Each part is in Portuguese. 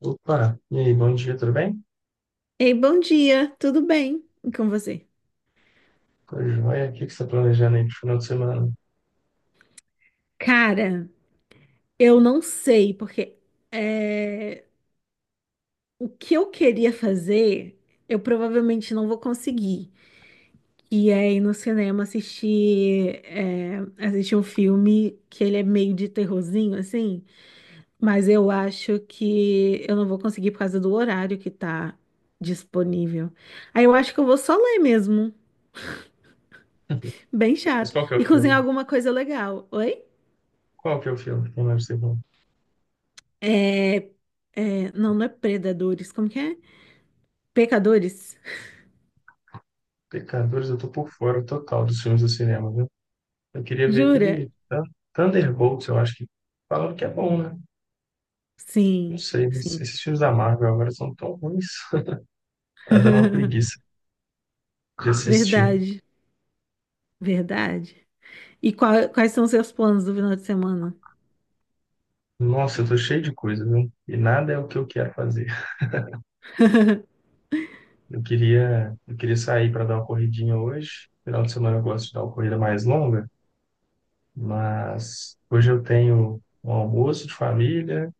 Opa, e aí, bom dia, tudo bem? Ei, bom dia, tudo bem? E com você? Tudo jóia? O que você está planejando aí pro final de semana? Cara, eu não sei, porque é, o que eu queria fazer, eu provavelmente não vou conseguir. E é ir no cinema assistir, assistir um filme que ele é meio de terrorzinho, assim, mas eu acho que eu não vou conseguir por causa do horário que tá disponível. Aí eu acho que eu vou só ler mesmo, bem Mas chato, qual que é e o cozinhar filme? alguma coisa legal. Oi? Qual que é o filme? Quem mais você viu? É, não, não é predadores, como que é? Pecadores? Pecadores, eu tô por fora total dos filmes do cinema, viu? Eu queria ver Jura? aquele Thunderbolts, eu acho que falaram que é bom, né? Não Sim, sei, mas sim. esses filmes da Marvel agora são tão ruins. Tá dando uma preguiça de assistir. Verdade, verdade. E quais são seus planos do final de semana? Nossa, eu tô cheio de coisa, viu? E nada é o que eu quero fazer. Eu queria sair para dar uma corridinha hoje. Final de semana eu gosto de dar uma corrida mais longa. Mas hoje eu tenho um almoço de família,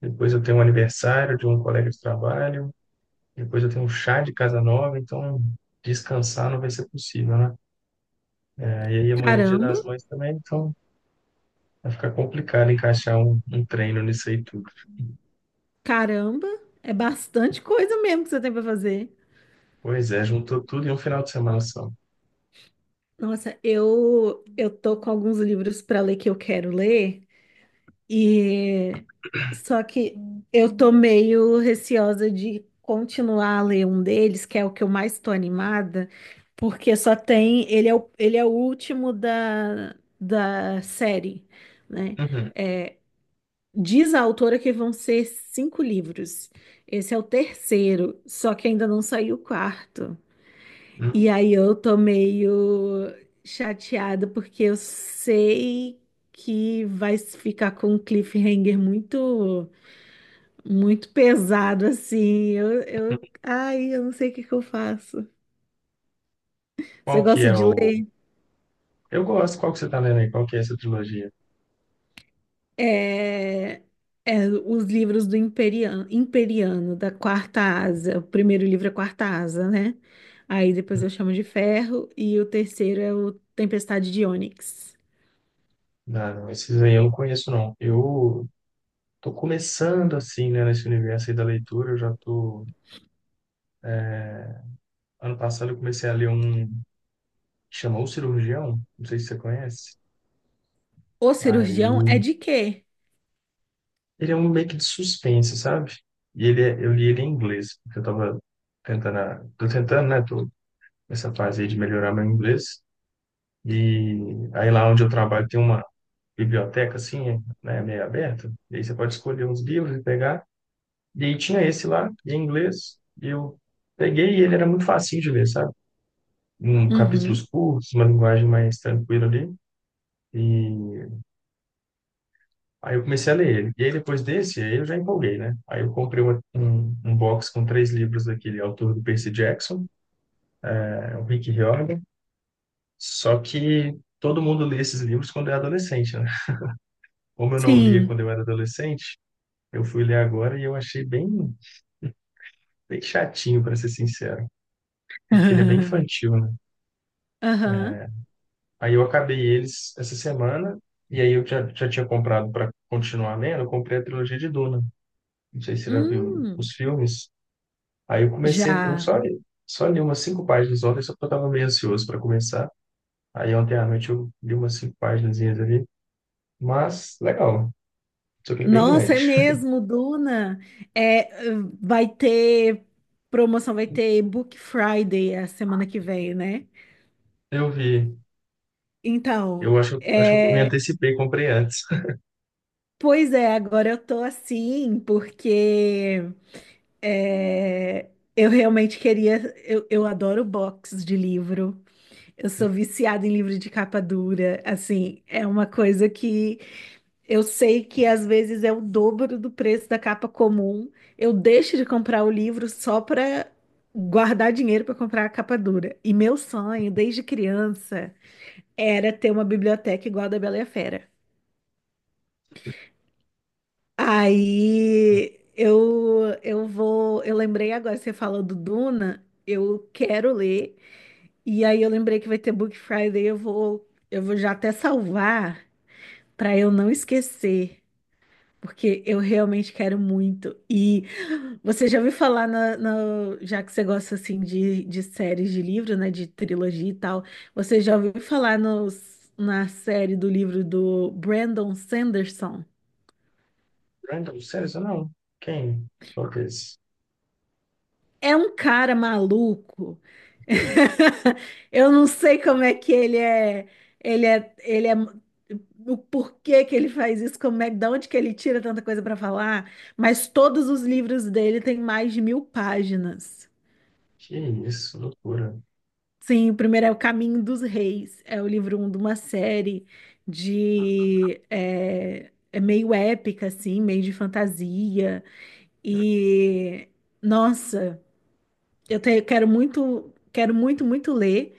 depois eu tenho um aniversário de um colega de trabalho, depois eu tenho um chá de casa nova, então descansar não vai ser possível, né? E aí amanhã é Dia Caramba, das Mães também, então vai ficar complicado encaixar um treino nisso aí tudo. caramba, é bastante coisa mesmo que você tem para fazer. Pois é, juntou tudo em um final de semana só. Nossa, eu tô com alguns livros para ler que eu quero ler. E só que eu tô meio receosa de continuar a ler um deles, que é o que eu mais tô animada, porque só tem, ele é o último da série, né? Uhum. Diz a autora que vão ser cinco livros. Esse é o terceiro, só que ainda não saiu o quarto. E Hum, aí eu tô meio chateada porque eu sei que vai ficar com um cliffhanger muito muito pesado assim. Hum. Ai, eu não sei o que que eu faço. Você Qual que gosta é de ler? o... Eu gosto, qual que você tá lendo aí? Qual que é essa trilogia? É, os livros do Imperiano, Imperiano, da Quarta Asa. O primeiro livro é Quarta Asa, né? Aí depois Hum. eu chamo de Ferro e o terceiro é o Tempestade de Ônix. Não, não, esses aí eu não conheço, não. Eu tô começando assim, né, nesse universo aí da leitura. Eu já tô. Ano passado eu comecei a ler um que chama O Cirurgião, não sei se você conhece. O Aí cirurgião é de quê? ele é um meio que de suspense, sabe? E ele é... eu li ele em inglês, porque eu tava tô tentando, né, tô nessa fase aí de melhorar meu inglês. E aí lá onde eu trabalho tem uma biblioteca assim, né, meio aberta. E aí você pode escolher uns livros e pegar. E aí tinha esse lá, em inglês. E eu peguei e ele era muito facinho de ler, sabe? Um capítulos Uhum. curtos, uma linguagem mais tranquila ali. E aí eu comecei a ler ele. E aí depois desse, aí eu já empolguei, né? Aí eu comprei um box com três livros daquele autor do Percy Jackson, é, o Rick Riordan. Só que todo mundo lê esses livros quando é adolescente, né? Como eu não lia quando Sim. eu era adolescente, eu fui ler agora e eu achei bem, bem chatinho, para ser sincero, porque ele é bem infantil, né? Aham. Aí eu acabei eles essa semana, e aí eu já tinha comprado para continuar lendo, eu comprei a trilogia de Duna. Não sei se você já viu os Hum, filmes. Aí eu comecei, já. Só li umas cinco páginas ontem, só porque eu estava meio ansioso para começar. Aí ontem à noite eu li umas cinco páginazinhas ali, mas legal, só que ele é bem Nossa, é grande. mesmo, Duna. É, vai ter promoção, vai ter Book Friday a semana que vem, né? Eu vi, Então, acho que eu me é, antecipei, comprei antes. pois é, agora eu tô assim, porque é, eu realmente queria. Eu adoro box de livro. Eu sou viciada em livro de capa dura. Assim, é uma coisa que eu sei que às vezes é o dobro do preço da capa comum. Eu deixo de comprar o livro só para guardar dinheiro para comprar a capa dura. E meu sonho, desde criança, era ter uma biblioteca igual a da Bela e a Fera. Aí eu vou. Eu lembrei agora, você falou do Duna, eu quero ler. E aí eu lembrei que vai ter Book Friday, eu vou já até salvar para eu não esquecer. Porque eu realmente quero muito. E você já ouviu falar, já que você gosta assim de séries de livro, né? De trilogia e tal, você já ouviu falar na série do livro do Brandon Sanderson? Brandon, sério, isso não? Quem? Talvez. É um cara maluco. Eu não sei como é que ele é, ele é, o porquê que ele faz isso, como é, de onde que ele tira tanta coisa para falar, mas todos os livros dele têm mais de mil páginas. Que isso, loucura. Sim, o primeiro é O Caminho dos Reis, é o livro um de uma série de é meio épica assim, meio de fantasia e nossa, quero muito, muito ler.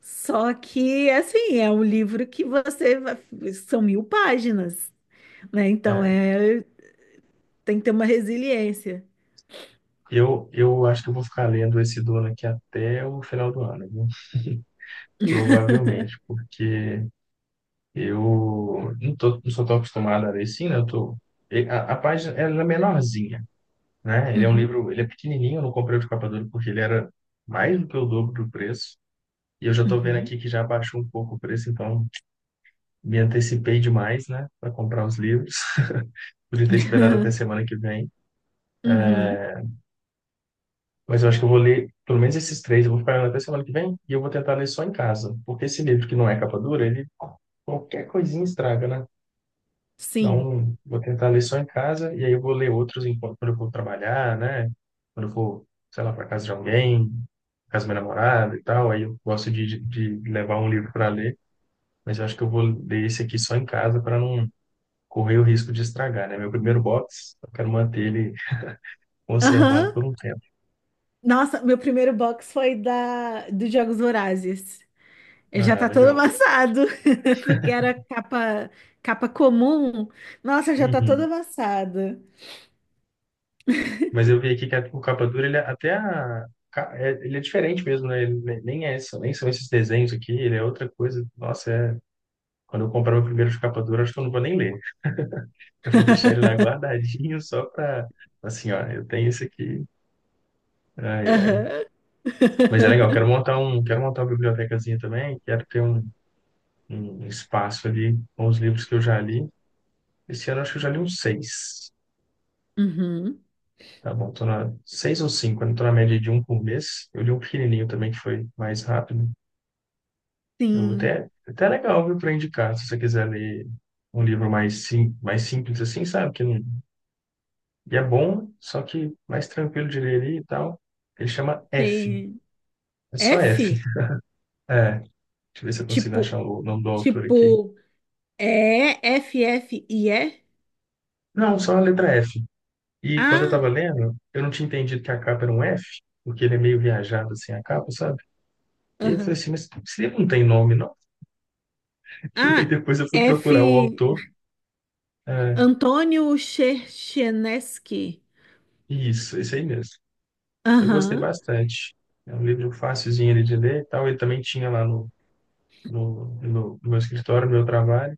Só que assim é um livro que são mil páginas, né? Então É, é tem que ter uma resiliência. Eu acho que eu vou ficar lendo esse dono aqui até o final do ano, viu? Provavelmente, porque eu não sou tão acostumado a ler assim, né? Eu tô, e- a página ela é menorzinha, né? Ele é um Uhum, livro, ele é pequenininho, eu não comprei o de capa dura porque ele era mais do que o dobro do preço. E eu já estou vendo uhum. aqui que já baixou um pouco o preço, então me antecipei demais, né? Para comprar os livros. Podia ter esperado até semana que vem. Uhum, Mas eu acho que eu vou ler pelo menos esses três, eu vou ficar lendo até semana que vem e eu vou tentar ler só em casa. Porque esse livro que não é capa dura, ele qualquer coisinha estraga, né? sim. Então, vou tentar ler só em casa e aí eu vou ler outros enquanto quando eu for trabalhar, né? Quando eu for, sei lá, para casa de alguém, casa da minha namorada e tal. Aí eu gosto de levar um livro para ler, mas eu acho que eu vou ler esse aqui só em casa para não correr o risco de estragar, né? Meu primeiro box, eu quero manter ele conservado Aham. por um tempo. Nossa, meu primeiro box foi da dos Jogos Vorazes. Ele já Ah, tá todo legal. amassado, porque era capa comum. Nossa, já tá todo Uhum. amassado. Mas eu vi aqui que o capa dura, ele é até ele é diferente mesmo, né? Ele nem é isso, nem são esses desenhos aqui, ele é outra coisa. Nossa, é quando eu comprar meu primeiro de capa dura, acho que eu não vou nem ler. Eu vou deixar ele lá guardadinho só para, assim, ó, eu tenho isso aqui. Ai, ai. Aham. Mas é legal, quero montar um, quero montar uma bibliotecazinha também, quero ter um, um espaço ali com os livros que eu já li. Esse ano acho que eu já li uns seis. Uhum. Tá bom, tô na seis ou cinco, eu tô na média de um por mês. Eu li um pequenininho também que foi mais rápido. Eu Sim, até, até legal, viu, para indicar, se você quiser ler um livro mais, sim, mais simples assim, sabe? Que não. E é bom, só que mais tranquilo de ler ali e tal. Ele chama F. tem É só F. F, É, deixa eu ver se eu consigo tipo, achar o nome do autor aqui. tipo, é F, F e E? Não, só a letra F. E quando eu Ah, tava lendo, eu não tinha entendido que a capa era um F, porque ele é meio viajado assim, a capa, sabe? E aí eu falei aham. assim, mas esse livro não tem nome, não? E aí Ah, depois eu fui F, procurar o autor. É, Antônio Cherchenesky. isso, esse aí mesmo. Eu gostei Aham. bastante. É um livro facilzinho ali de ler e tal. Ele também tinha lá no meu escritório, no meu trabalho.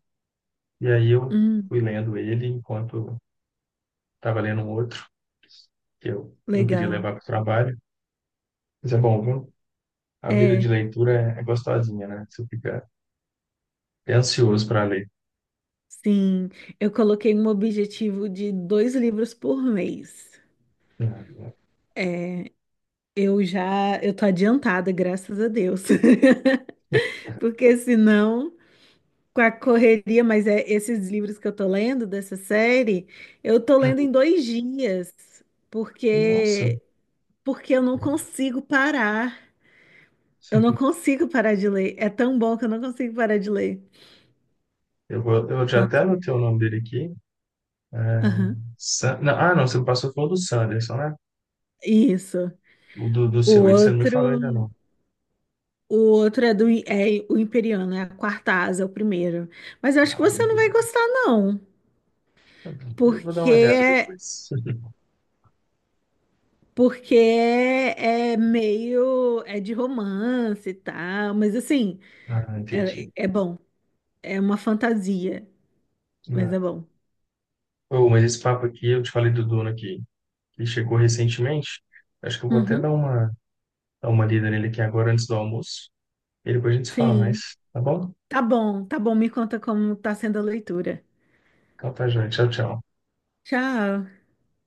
E aí eu Hum, fui lendo ele enquanto estava lendo um outro que eu não queria legal. levar para o trabalho. Mas é bom, viu? A vida de É. leitura é gostosinha, né? Você fica é ansioso para ler. Sim, eu coloquei um objetivo de dois livros por mês. Né? Eu tô adiantada, graças a Deus. Porque senão, com a correria, mas é esses livros que eu tô lendo dessa série, eu tô lendo em Uhum. 2 dias, Nossa, porque porque eu não consigo parar. Eu não consigo parar de ler. É tão bom que eu não consigo parar de ler. eu vou, eu já até Nossa. anotei o nome dele aqui. É, Aham. Não, você me passou foi o do Sanderson, né? Isso. O do O seu, ele você não me outro falou ainda não. O outro é do é o Imperiano, é a quarta asa, é o primeiro. Mas eu acho que Ah, o você não vai Imperial. gostar, não, Tá bom. Eu vou dar uma olhada porque depois. porque é meio de romance e tal, mas assim, Ah, é, entendi. é bom. É uma fantasia, mas Ah. é bom. Ô, mas esse papo aqui, eu te falei do dono aqui. Que chegou recentemente. Acho que eu vou até Uhum, dar uma lida nele aqui agora antes do almoço. E depois a gente se fala sim. mais, tá bom? Tá bom, tá bom. Me conta como tá sendo a leitura. Então tá, gente. Tchau, tchau. Tchau.